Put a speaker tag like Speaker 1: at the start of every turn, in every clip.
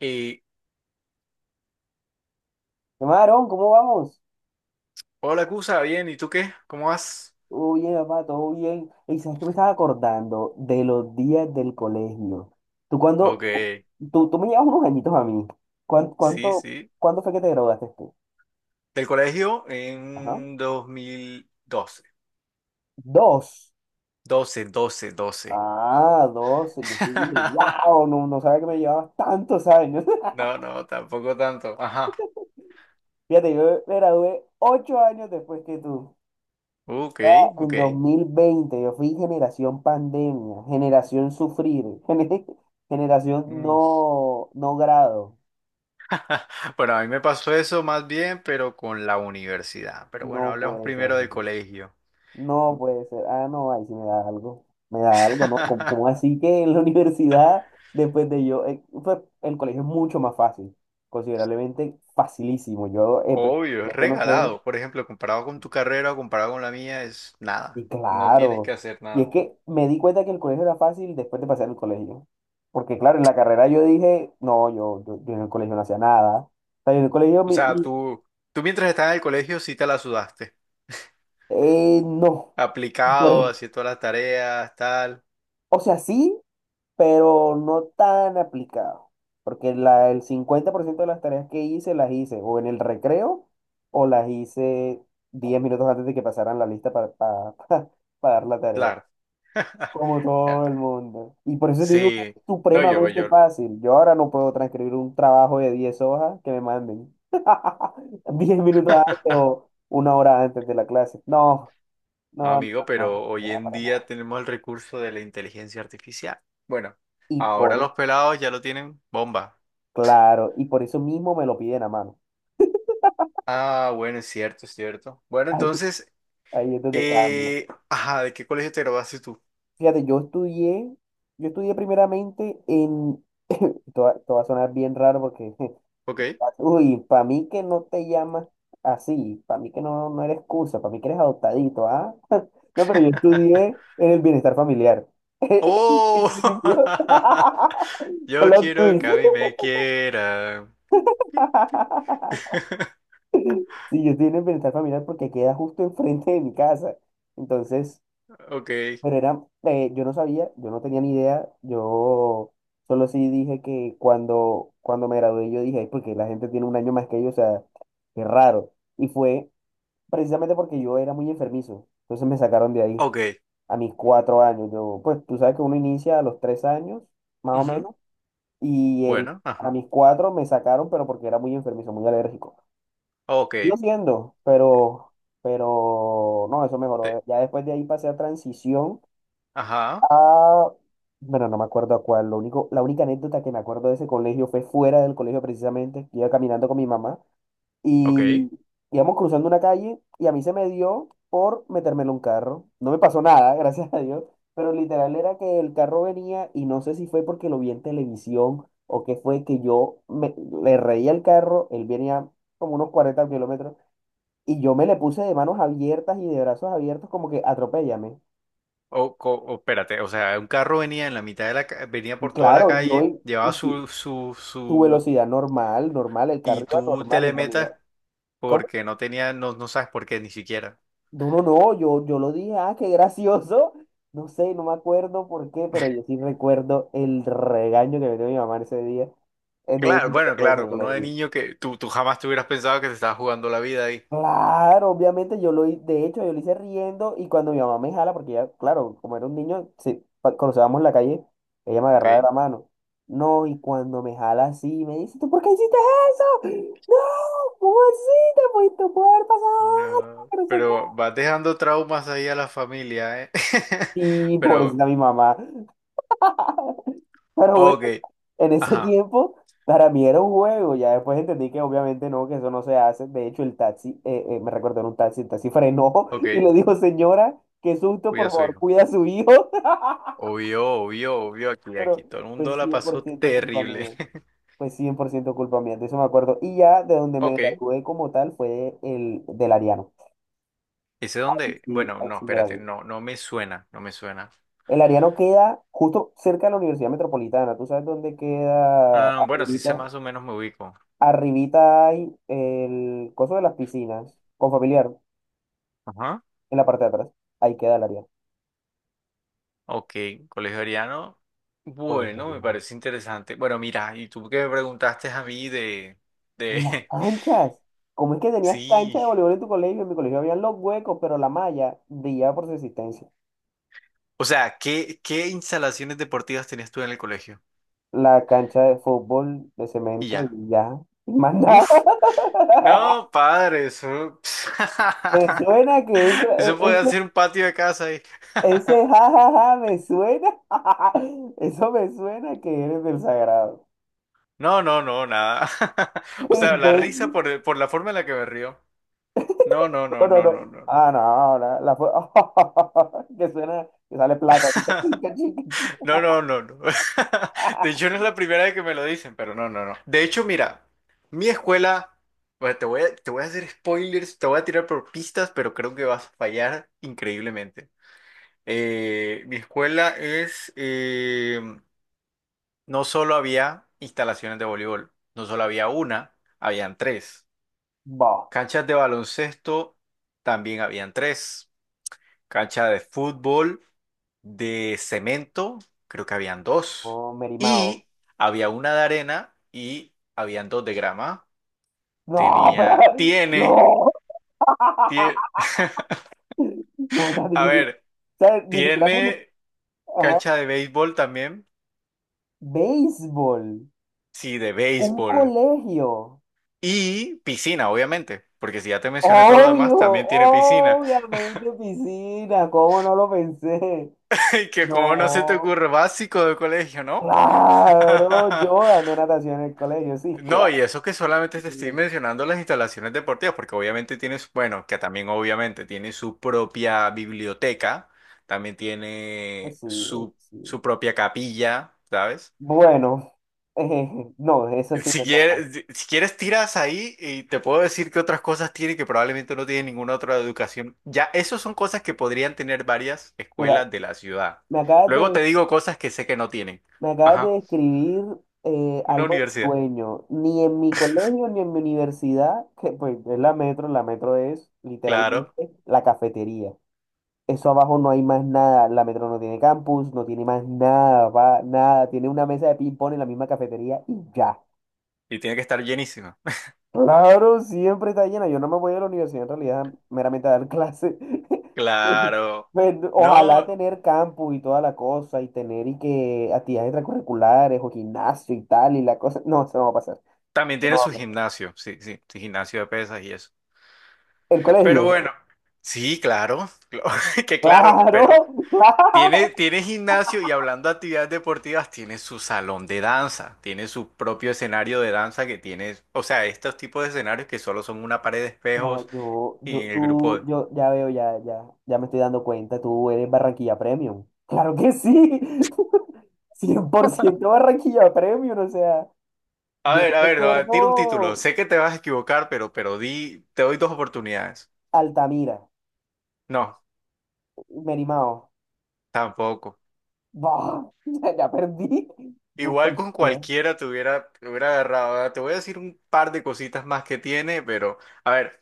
Speaker 1: Y,
Speaker 2: Marón, ¿cómo vamos?
Speaker 1: hola, Cusa, bien, ¿y tú qué? ¿Cómo vas?
Speaker 2: Oye, papá, todo bien. Y sabes que me estaba acordando de los días del colegio. Tú
Speaker 1: Ok,
Speaker 2: cuando, tú me llevas unos añitos a mí. ¿Cuán-
Speaker 1: sí,
Speaker 2: ¿Cuánto,
Speaker 1: sí.
Speaker 2: cuándo fue que te graduaste tú?
Speaker 1: Del colegio
Speaker 2: Ajá.
Speaker 1: en 2012
Speaker 2: Dos.
Speaker 1: doce.
Speaker 2: Ah, dos. Yo sí dije, wow, no sabía que me llevabas tantos años.
Speaker 1: No, no, tampoco tanto. Ajá.
Speaker 2: Fíjate, yo me gradué 8 años después que tú.
Speaker 1: Ok,
Speaker 2: En
Speaker 1: ok.
Speaker 2: 2020 yo fui generación pandemia, generación sufrir, generación
Speaker 1: Mm.
Speaker 2: no grado.
Speaker 1: Bueno, a mí me pasó eso más bien, pero con la universidad. Pero bueno,
Speaker 2: No
Speaker 1: hablemos
Speaker 2: puede
Speaker 1: primero
Speaker 2: ser,
Speaker 1: del
Speaker 2: no.
Speaker 1: colegio.
Speaker 2: No puede ser. Ah, no, ahí sí me da algo. Me da algo, ¿no? Como, como así que en la universidad, después de yo, pues, el colegio es mucho más fácil, considerablemente facilísimo. Yo, pues,
Speaker 1: Obvio, es
Speaker 2: pues, yo no sé,
Speaker 1: regalado. Por ejemplo, comparado con tu carrera o comparado con la mía, es nada.
Speaker 2: y
Speaker 1: No tienes que
Speaker 2: claro.
Speaker 1: hacer
Speaker 2: Y es
Speaker 1: nada.
Speaker 2: que me di cuenta que el colegio era fácil después de pasar el colegio. Porque claro, en la carrera yo dije, no, yo en el colegio no hacía nada. O sea, yo en el colegio,
Speaker 1: O sea, tú mientras estabas en el colegio sí te la sudaste.
Speaker 2: no. Y
Speaker 1: Aplicado,
Speaker 2: por-
Speaker 1: haciendo todas las tareas, tal.
Speaker 2: o sea, sí, pero no tan aplicado, porque el 50% de las tareas que hice las hice o en el recreo o las hice 10 minutos antes de que pasaran la lista para dar la tarea,
Speaker 1: Claro.
Speaker 2: como todo el mundo. Y por eso te digo que
Speaker 1: Sí.
Speaker 2: es
Speaker 1: No, yo,
Speaker 2: supremamente
Speaker 1: yo.
Speaker 2: fácil. Yo ahora no puedo transcribir un trabajo de 10 hojas que me manden 10 minutos antes o 1 hora antes de la clase. No,
Speaker 1: No,
Speaker 2: no, no,
Speaker 1: amigo, pero
Speaker 2: no,
Speaker 1: hoy
Speaker 2: no,
Speaker 1: en
Speaker 2: para nada.
Speaker 1: día tenemos el recurso de la inteligencia artificial. Bueno,
Speaker 2: Y
Speaker 1: ahora
Speaker 2: por,
Speaker 1: los pelados ya lo tienen bomba.
Speaker 2: claro, y por eso mismo me lo piden a mano.
Speaker 1: Ah, bueno, es cierto, es cierto. Bueno, entonces,
Speaker 2: Ahí es donde cambia.
Speaker 1: ajá, ¿de qué colegio te graduaste tú?
Speaker 2: Fíjate, yo estudié primeramente en, esto va a sonar bien raro porque,
Speaker 1: Ok.
Speaker 2: uy, para mí que no te llamas así, para mí que no eres excusa, para mí que eres adoptadito, ¿ah? No, pero yo estudié en el bienestar familiar.
Speaker 1: ¡Oh!
Speaker 2: Yo-
Speaker 1: Yo
Speaker 2: Plot
Speaker 1: quiero
Speaker 2: twist.
Speaker 1: que a mí me quieran. Pi, pi.
Speaker 2: Sí, yo estoy en el bienestar familiar porque queda justo enfrente de mi casa. Entonces,
Speaker 1: Ok,
Speaker 2: pero era, yo no sabía, yo no tenía ni idea, yo solo sí dije que cuando, cuando me gradué yo dije, "Ay, porque la gente tiene un año más que yo, o sea, qué raro". Y fue precisamente porque yo era muy enfermizo, entonces me sacaron de ahí
Speaker 1: ok.
Speaker 2: a mis 4 años. Yo, pues tú sabes que uno inicia a los 3 años, más o
Speaker 1: Ujú,
Speaker 2: menos, y él,
Speaker 1: bueno,
Speaker 2: a
Speaker 1: ajá.
Speaker 2: mis cuatro me sacaron, pero porque era muy enfermizo, muy alérgico.
Speaker 1: Ok,
Speaker 2: Sigo siendo, pero no, eso
Speaker 1: te-
Speaker 2: mejoró. Ya después de ahí pasé a transición.
Speaker 1: ajá,
Speaker 2: Ah, bueno, no me acuerdo a cuál. Lo único, la única anécdota que me acuerdo de ese colegio fue fuera del colegio precisamente. Iba caminando con mi mamá
Speaker 1: ok.
Speaker 2: y íbamos cruzando una calle y a mí se me dio por meterme en un carro. No me pasó nada, gracias a Dios, pero literal era que el carro venía y no sé si fue porque lo vi en televisión o qué fue que yo me, le reí al carro. Él venía como unos 40 kilómetros y yo me le puse de manos abiertas y de brazos abiertos como que atropéllame.
Speaker 1: O, espérate, o sea, un carro venía en la mitad de la venía
Speaker 2: Y
Speaker 1: por toda la
Speaker 2: claro, yo...
Speaker 1: calle, llevaba su, su,
Speaker 2: Su
Speaker 1: su,
Speaker 2: velocidad normal, normal, el
Speaker 1: y
Speaker 2: carro iba
Speaker 1: tú te
Speaker 2: normal
Speaker 1: le
Speaker 2: en realidad.
Speaker 1: metas
Speaker 2: ¿Cómo?
Speaker 1: porque no tenía, no, no sabes por qué ni siquiera.
Speaker 2: No, no, no, yo lo dije, ah, qué gracioso. No sé, no me acuerdo por qué, pero yo sí recuerdo el regaño que me dio mi mamá ese día, de ese
Speaker 1: Claro, bueno,
Speaker 2: de
Speaker 1: claro,
Speaker 2: ese
Speaker 1: uno de
Speaker 2: colegio.
Speaker 1: niño que tú jamás te hubieras pensado que te estabas jugando la vida ahí.
Speaker 2: Claro, obviamente de hecho, yo lo hice riendo y cuando mi mamá me jala, porque ya, claro, como era un niño, sí, cruzábamos la calle, ella me
Speaker 1: Ok.
Speaker 2: agarraba de la mano. No, y cuando me jala así, me dice, ¿tú por qué hiciste eso? No, ¿cómo así te pudiste haber pasado algo?
Speaker 1: No,
Speaker 2: Que no sé
Speaker 1: pero
Speaker 2: qué.
Speaker 1: vas dejando traumas ahí a la familia, ¿eh?
Speaker 2: Y
Speaker 1: Pero,
Speaker 2: pobrecita mi mamá. Pero bueno,
Speaker 1: ok,
Speaker 2: en ese
Speaker 1: ajá.
Speaker 2: tiempo para mí era un juego. Ya después entendí que obviamente no, que eso no se hace. De hecho, el taxi, me recordó en un taxi, el taxi frenó y
Speaker 1: Ok,
Speaker 2: le dijo, señora, qué susto,
Speaker 1: cuida
Speaker 2: por
Speaker 1: a su
Speaker 2: favor,
Speaker 1: hijo.
Speaker 2: cuida a su hijo.
Speaker 1: Obvio, obvio, obvio, aquí,
Speaker 2: Pero
Speaker 1: aquí. Todo el mundo
Speaker 2: pues
Speaker 1: la
Speaker 2: cien por
Speaker 1: pasó
Speaker 2: ciento culpa
Speaker 1: terrible.
Speaker 2: mía. Pues 100% culpa mía, de eso me acuerdo. Y ya de donde me
Speaker 1: Ok,
Speaker 2: gradué como tal fue el del Ariano.
Speaker 1: ¿ese dónde?
Speaker 2: Sí,
Speaker 1: Bueno, no,
Speaker 2: así me
Speaker 1: espérate,
Speaker 2: gradué.
Speaker 1: no, no me suena, no me suena.
Speaker 2: El Ariano queda justo cerca de la Universidad Metropolitana. ¿Tú sabes dónde queda
Speaker 1: Ah, bueno, sí sé,
Speaker 2: arribita?
Speaker 1: más o menos me ubico.
Speaker 2: Arribita hay el coso de las piscinas, con familiar,
Speaker 1: Ajá.
Speaker 2: en la parte de atrás. Ahí queda el Ariano.
Speaker 1: Ok, colegio ariano.
Speaker 2: Colegio
Speaker 1: Bueno, me
Speaker 2: Ariano.
Speaker 1: parece interesante. Bueno, mira, y tú que me preguntaste a mí
Speaker 2: Y
Speaker 1: de,
Speaker 2: las canchas. ¿Cómo es que tenías cancha de
Speaker 1: sí.
Speaker 2: voleibol en tu colegio? En mi colegio había los huecos, pero la malla brillaba por su existencia.
Speaker 1: O sea, ¿qué, qué instalaciones deportivas tenías tú en el colegio?
Speaker 2: La cancha de fútbol de
Speaker 1: Y
Speaker 2: cemento
Speaker 1: ya.
Speaker 2: y ya. Y más nada.
Speaker 1: Uf. No, padre, eso.
Speaker 2: Me suena que
Speaker 1: Eso puede
Speaker 2: eso,
Speaker 1: ser un patio de casa ahí.
Speaker 2: Ese jajaja me suena, eso me suena que eres del sagrado.
Speaker 1: No, no, no, nada. O sea, la risa
Speaker 2: Entonces,
Speaker 1: por la forma en la que me río. No, no,
Speaker 2: no,
Speaker 1: no,
Speaker 2: no,
Speaker 1: no, no,
Speaker 2: no.
Speaker 1: no, no.
Speaker 2: Ah, no, no, que suena, que sale plata. Chica, chica, chica,
Speaker 1: No,
Speaker 2: chica.
Speaker 1: no, no, no. De hecho, no es la primera vez que me lo dicen, pero no, no, no. De hecho, mira, mi escuela. Bueno, te voy a hacer spoilers, te voy a tirar por pistas, pero creo que vas a fallar increíblemente. Mi escuela es, no solo había instalaciones de voleibol, no solo había una, habían tres.
Speaker 2: Bah,
Speaker 1: Canchas de baloncesto, también habían tres. Cancha de fútbol, de cemento, creo que habían dos.
Speaker 2: oh, Merimao.
Speaker 1: Y había una de arena y habían dos de grama.
Speaker 2: No,
Speaker 1: Tenía,
Speaker 2: pero,
Speaker 1: tiene,
Speaker 2: no.
Speaker 1: tiene,
Speaker 2: No, ya
Speaker 1: a
Speaker 2: ni, o
Speaker 1: ver,
Speaker 2: sea, ni siquiera me...
Speaker 1: tiene
Speaker 2: Ajá.
Speaker 1: cancha de béisbol también.
Speaker 2: Béisbol,
Speaker 1: Sí, de
Speaker 2: un
Speaker 1: béisbol.
Speaker 2: colegio.
Speaker 1: Y piscina, obviamente, porque si ya te mencioné todo lo demás,
Speaker 2: Obvio,
Speaker 1: también tiene piscina.
Speaker 2: obviamente piscina, ¿cómo no lo pensé?
Speaker 1: Y que como no se te
Speaker 2: No,
Speaker 1: ocurre, básico de colegio, ¿no?
Speaker 2: claro, yo dando natación en el colegio, sí,
Speaker 1: No,
Speaker 2: claro.
Speaker 1: y eso que solamente te estoy mencionando las instalaciones deportivas, porque obviamente tienes, bueno, que también obviamente tiene su propia biblioteca, también
Speaker 2: Pues
Speaker 1: tiene
Speaker 2: sí,
Speaker 1: su,
Speaker 2: sí.
Speaker 1: su propia capilla, ¿sabes?
Speaker 2: Bueno, no, eso sí no
Speaker 1: Si
Speaker 2: es normal.
Speaker 1: quieres, si quieres tiras ahí y te puedo decir que otras cosas tiene que probablemente no tiene ninguna otra educación. Ya, esas son cosas que podrían tener varias
Speaker 2: Mira,
Speaker 1: escuelas de la ciudad.
Speaker 2: me acabas
Speaker 1: Luego te
Speaker 2: de,
Speaker 1: digo cosas que sé que no tienen.
Speaker 2: me acabas de
Speaker 1: Ajá.
Speaker 2: describir,
Speaker 1: Una
Speaker 2: algo de
Speaker 1: universidad,
Speaker 2: sueño. Ni en mi colegio ni en mi universidad, que pues es la metro es
Speaker 1: claro.
Speaker 2: literalmente la cafetería. Eso abajo no hay más nada. La metro no tiene campus, no tiene más nada, va, nada. Tiene una mesa de ping-pong en la misma cafetería y ya.
Speaker 1: Y tiene que estar llenísima,
Speaker 2: Claro, siempre está llena. Yo no me voy a la universidad en realidad meramente a dar clases.
Speaker 1: claro.
Speaker 2: Pues, ojalá
Speaker 1: No,
Speaker 2: tener campus y toda la cosa y tener y que actividades extracurriculares o gimnasio y tal y la cosa. No, eso no va a pasar.
Speaker 1: también
Speaker 2: Eso
Speaker 1: tiene
Speaker 2: no va a
Speaker 1: su
Speaker 2: pasar.
Speaker 1: gimnasio, sí, sí, su gimnasio de pesas y eso.
Speaker 2: El
Speaker 1: Pero
Speaker 2: colegio.
Speaker 1: bueno, sí, claro, que claro,
Speaker 2: Claro,
Speaker 1: pero tiene,
Speaker 2: claro.
Speaker 1: tiene gimnasio y hablando de actividades deportivas, tiene su salón de danza, tiene su propio escenario de danza que tiene, o sea, estos tipos de escenarios que solo son una pared de
Speaker 2: Ay,
Speaker 1: espejos y el grupo de...
Speaker 2: Yo ya veo, ya, ya, ya me estoy dando cuenta. Tú eres Barranquilla Premium. Claro que sí. Cien por ciento Barranquilla Premium. O sea, yo
Speaker 1: A ver, no, tira un título.
Speaker 2: recuerdo.
Speaker 1: Sé que te vas a equivocar, pero di, te doy dos oportunidades.
Speaker 2: Altamira,
Speaker 1: No.
Speaker 2: Merimao.
Speaker 1: Tampoco.
Speaker 2: Bah, ya, ya perdí.
Speaker 1: Igual con
Speaker 2: Cualquiera.
Speaker 1: cualquiera te hubiera agarrado. Ahora, te voy a decir un par de cositas más que tiene, pero a ver,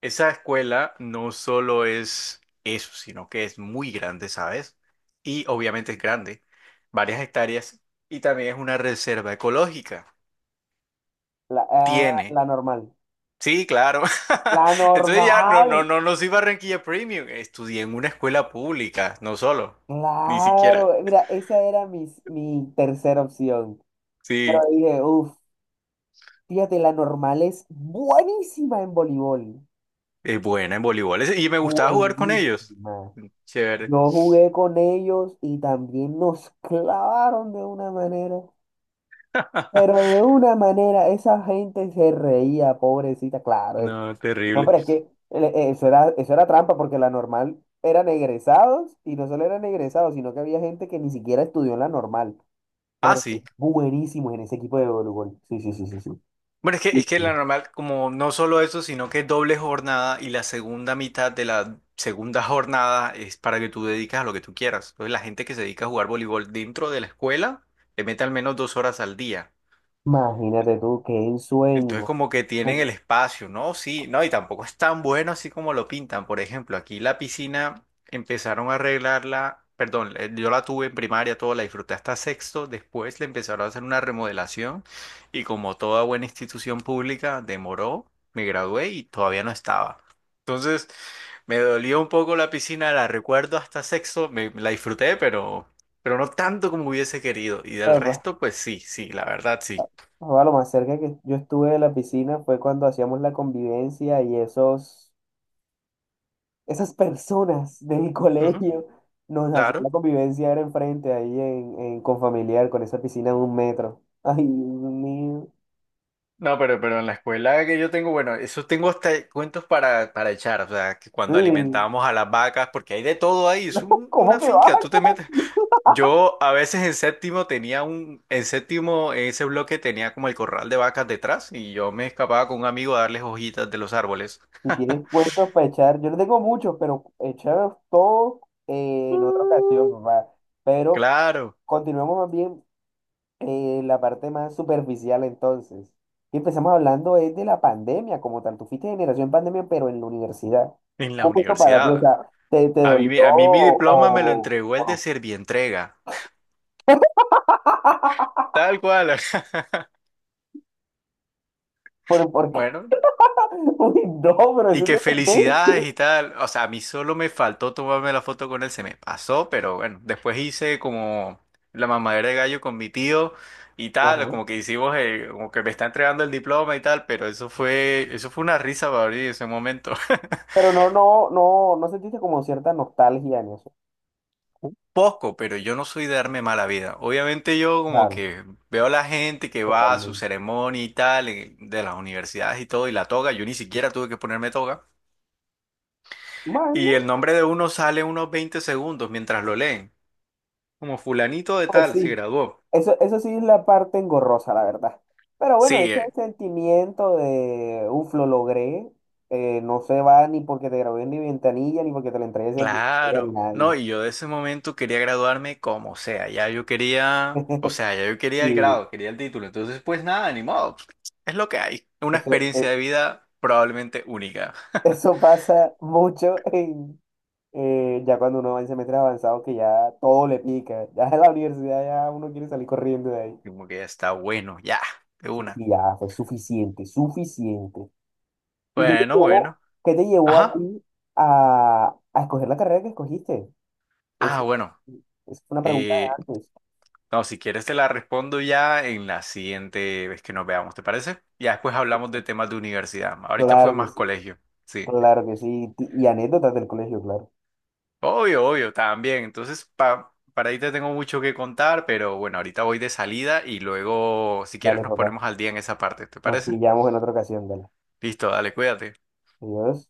Speaker 1: esa escuela no solo es eso, sino que es muy grande, ¿sabes? Y obviamente es grande, varias hectáreas, y también es una reserva ecológica.
Speaker 2: La, ah,
Speaker 1: Tiene.
Speaker 2: la normal.
Speaker 1: Sí, claro.
Speaker 2: La
Speaker 1: Entonces ya no,
Speaker 2: normal.
Speaker 1: no, no, no soy Barranquilla Premium. Estudié en una escuela pública, no solo, ni siquiera.
Speaker 2: Claro. Mira, esa era mi tercera opción. Pero
Speaker 1: Sí.
Speaker 2: dije, uff, fíjate, la normal es buenísima en voleibol.
Speaker 1: Es buena en voleibol. Es- y me gustaba jugar con ellos.
Speaker 2: Buenísima.
Speaker 1: Chévere.
Speaker 2: Yo jugué con ellos y también nos clavaron de una manera. Pero de una manera, esa gente se reía, pobrecita, claro.
Speaker 1: No,
Speaker 2: No,
Speaker 1: terrible.
Speaker 2: pero es que eso era trampa porque la normal eran egresados y no solo eran egresados, sino que había gente que ni siquiera estudió en la normal,
Speaker 1: Ah,
Speaker 2: pero son
Speaker 1: sí.
Speaker 2: buenísimos en ese equipo de voleibol. Sí, sí, sí, sí, sí.
Speaker 1: Bueno,
Speaker 2: Muy
Speaker 1: es que la
Speaker 2: bueno.
Speaker 1: normal, como no solo eso, sino que es doble jornada y la segunda mitad de la segunda jornada es para que tú dedicas a lo que tú quieras. Entonces, la gente que se dedica a jugar voleibol dentro de la escuela le mete al menos 2 horas al día.
Speaker 2: Imagínate tú, qué
Speaker 1: Entonces
Speaker 2: ensueño.
Speaker 1: como que tienen
Speaker 2: Uf,
Speaker 1: el espacio, ¿no? Sí, no, y tampoco es tan bueno así como lo pintan. Por ejemplo, aquí la piscina empezaron a arreglarla, perdón, yo la tuve en primaria, todo, la disfruté hasta sexto, después le empezaron a hacer una remodelación y como toda buena institución pública demoró, me gradué y todavía no estaba. Entonces me dolió un poco la piscina, la recuerdo hasta sexto, me, la disfruté, pero no tanto como hubiese querido. Y del
Speaker 2: papá.
Speaker 1: resto, pues sí, sí, la verdad sí.
Speaker 2: Papá, lo más cerca que yo estuve de la piscina fue cuando hacíamos la convivencia y esas personas de mi
Speaker 1: Ujú,
Speaker 2: colegio nos hacían
Speaker 1: claro.
Speaker 2: la convivencia era enfrente ahí en Confamiliar con esa piscina de 1 metro. Ay, Dios mío.
Speaker 1: No, pero en la escuela que yo tengo, bueno, eso tengo hasta cuentos para echar, o sea, que cuando
Speaker 2: Sí.
Speaker 1: alimentábamos a las vacas, porque hay de todo ahí, es
Speaker 2: No, ¿cómo
Speaker 1: una
Speaker 2: que va?
Speaker 1: finca, tú te metes. Yo a veces en séptimo tenía un, en séptimo, en ese bloque tenía como el corral de vacas detrás y yo me escapaba con un amigo a darles hojitas de los árboles.
Speaker 2: Si tienes cuentos para echar, yo no tengo muchos, pero echar todos, en otra ocasión, papá. Pero
Speaker 1: Claro,
Speaker 2: continuemos más bien, la parte más superficial entonces. Y empezamos hablando es de la pandemia como tal. Tú fuiste generación pandemia, pero en la universidad.
Speaker 1: en la
Speaker 2: ¿Cómo fue eso para ti? O
Speaker 1: universidad.
Speaker 2: sea, ¿te
Speaker 1: A mí,
Speaker 2: dolió
Speaker 1: a mí mi
Speaker 2: o,
Speaker 1: diploma me lo
Speaker 2: o
Speaker 1: entregó
Speaker 2: o
Speaker 1: el de
Speaker 2: no?
Speaker 1: Servientrega. Tal cual.
Speaker 2: Por qué?
Speaker 1: Bueno,
Speaker 2: Uy, no, pero
Speaker 1: y
Speaker 2: eso
Speaker 1: que
Speaker 2: te conté.
Speaker 1: felicidades y tal. O sea, a mí solo me faltó tomarme la foto con él, se me pasó, pero bueno, después hice como la mamadera de gallo con mi tío y tal, como que hicimos, como que me está entregando el diploma y tal, pero eso fue una risa para mí en ese momento.
Speaker 2: Pero no, no, no, no sentiste como cierta nostalgia en eso.
Speaker 1: Un poco, pero yo no soy de darme mala vida. Obviamente yo como
Speaker 2: Claro,
Speaker 1: que veo a la gente que va a su
Speaker 2: totalmente.
Speaker 1: ceremonia y tal, de las universidades y todo, y la toga, yo ni siquiera tuve que ponerme toga. Y
Speaker 2: Bueno,
Speaker 1: el nombre de uno sale unos 20 segundos mientras lo leen. Como fulanito de
Speaker 2: pues
Speaker 1: tal se
Speaker 2: sí,
Speaker 1: graduó.
Speaker 2: eso sí es la parte engorrosa, la verdad. Pero bueno,
Speaker 1: Sí,
Speaker 2: ese sentimiento de, uff, lo logré, no se va ni porque te grabé en mi ventanilla, ni porque te lo entregué ese día a
Speaker 1: claro. No,
Speaker 2: nadie.
Speaker 1: y yo de ese momento quería graduarme como sea. Ya yo quería, o sea, ya yo quería el
Speaker 2: Sí,
Speaker 1: grado, quería el título. Entonces, pues nada, ni modo. Pues, es lo que hay. Una
Speaker 2: eso,
Speaker 1: experiencia
Speaker 2: eh,
Speaker 1: de vida probablemente única.
Speaker 2: eso pasa mucho en, ya cuando uno va en semestres avanzados que ya todo le pica, ya en la universidad ya uno quiere salir corriendo de ahí.
Speaker 1: Como que ya está bueno, ya, de
Speaker 2: Sí,
Speaker 1: una.
Speaker 2: sí, ya fue suficiente, suficiente. ¿Y qué te
Speaker 1: Bueno,
Speaker 2: llevó,
Speaker 1: bueno.
Speaker 2: qué te llevó a
Speaker 1: Ajá.
Speaker 2: ti a, a escoger la carrera que escogiste?
Speaker 1: Ah,
Speaker 2: Eso,
Speaker 1: bueno.
Speaker 2: es una pregunta de
Speaker 1: Eh,
Speaker 2: antes.
Speaker 1: no, si quieres te la respondo ya en la siguiente vez que nos veamos, ¿te parece? Ya después hablamos de temas de universidad. Ahorita fue
Speaker 2: Claro que
Speaker 1: más
Speaker 2: sí,
Speaker 1: colegio. Sí.
Speaker 2: claro que sí. Y anécdotas del colegio, claro.
Speaker 1: Obvio, obvio, también. Entonces, para ahí te tengo mucho que contar, pero bueno, ahorita voy de salida y luego, si quieres,
Speaker 2: Dale,
Speaker 1: nos
Speaker 2: papá.
Speaker 1: ponemos al día en esa parte. ¿Te
Speaker 2: Nos
Speaker 1: parece?
Speaker 2: pillamos en otra ocasión, dale.
Speaker 1: Listo, dale, cuídate.
Speaker 2: Adiós.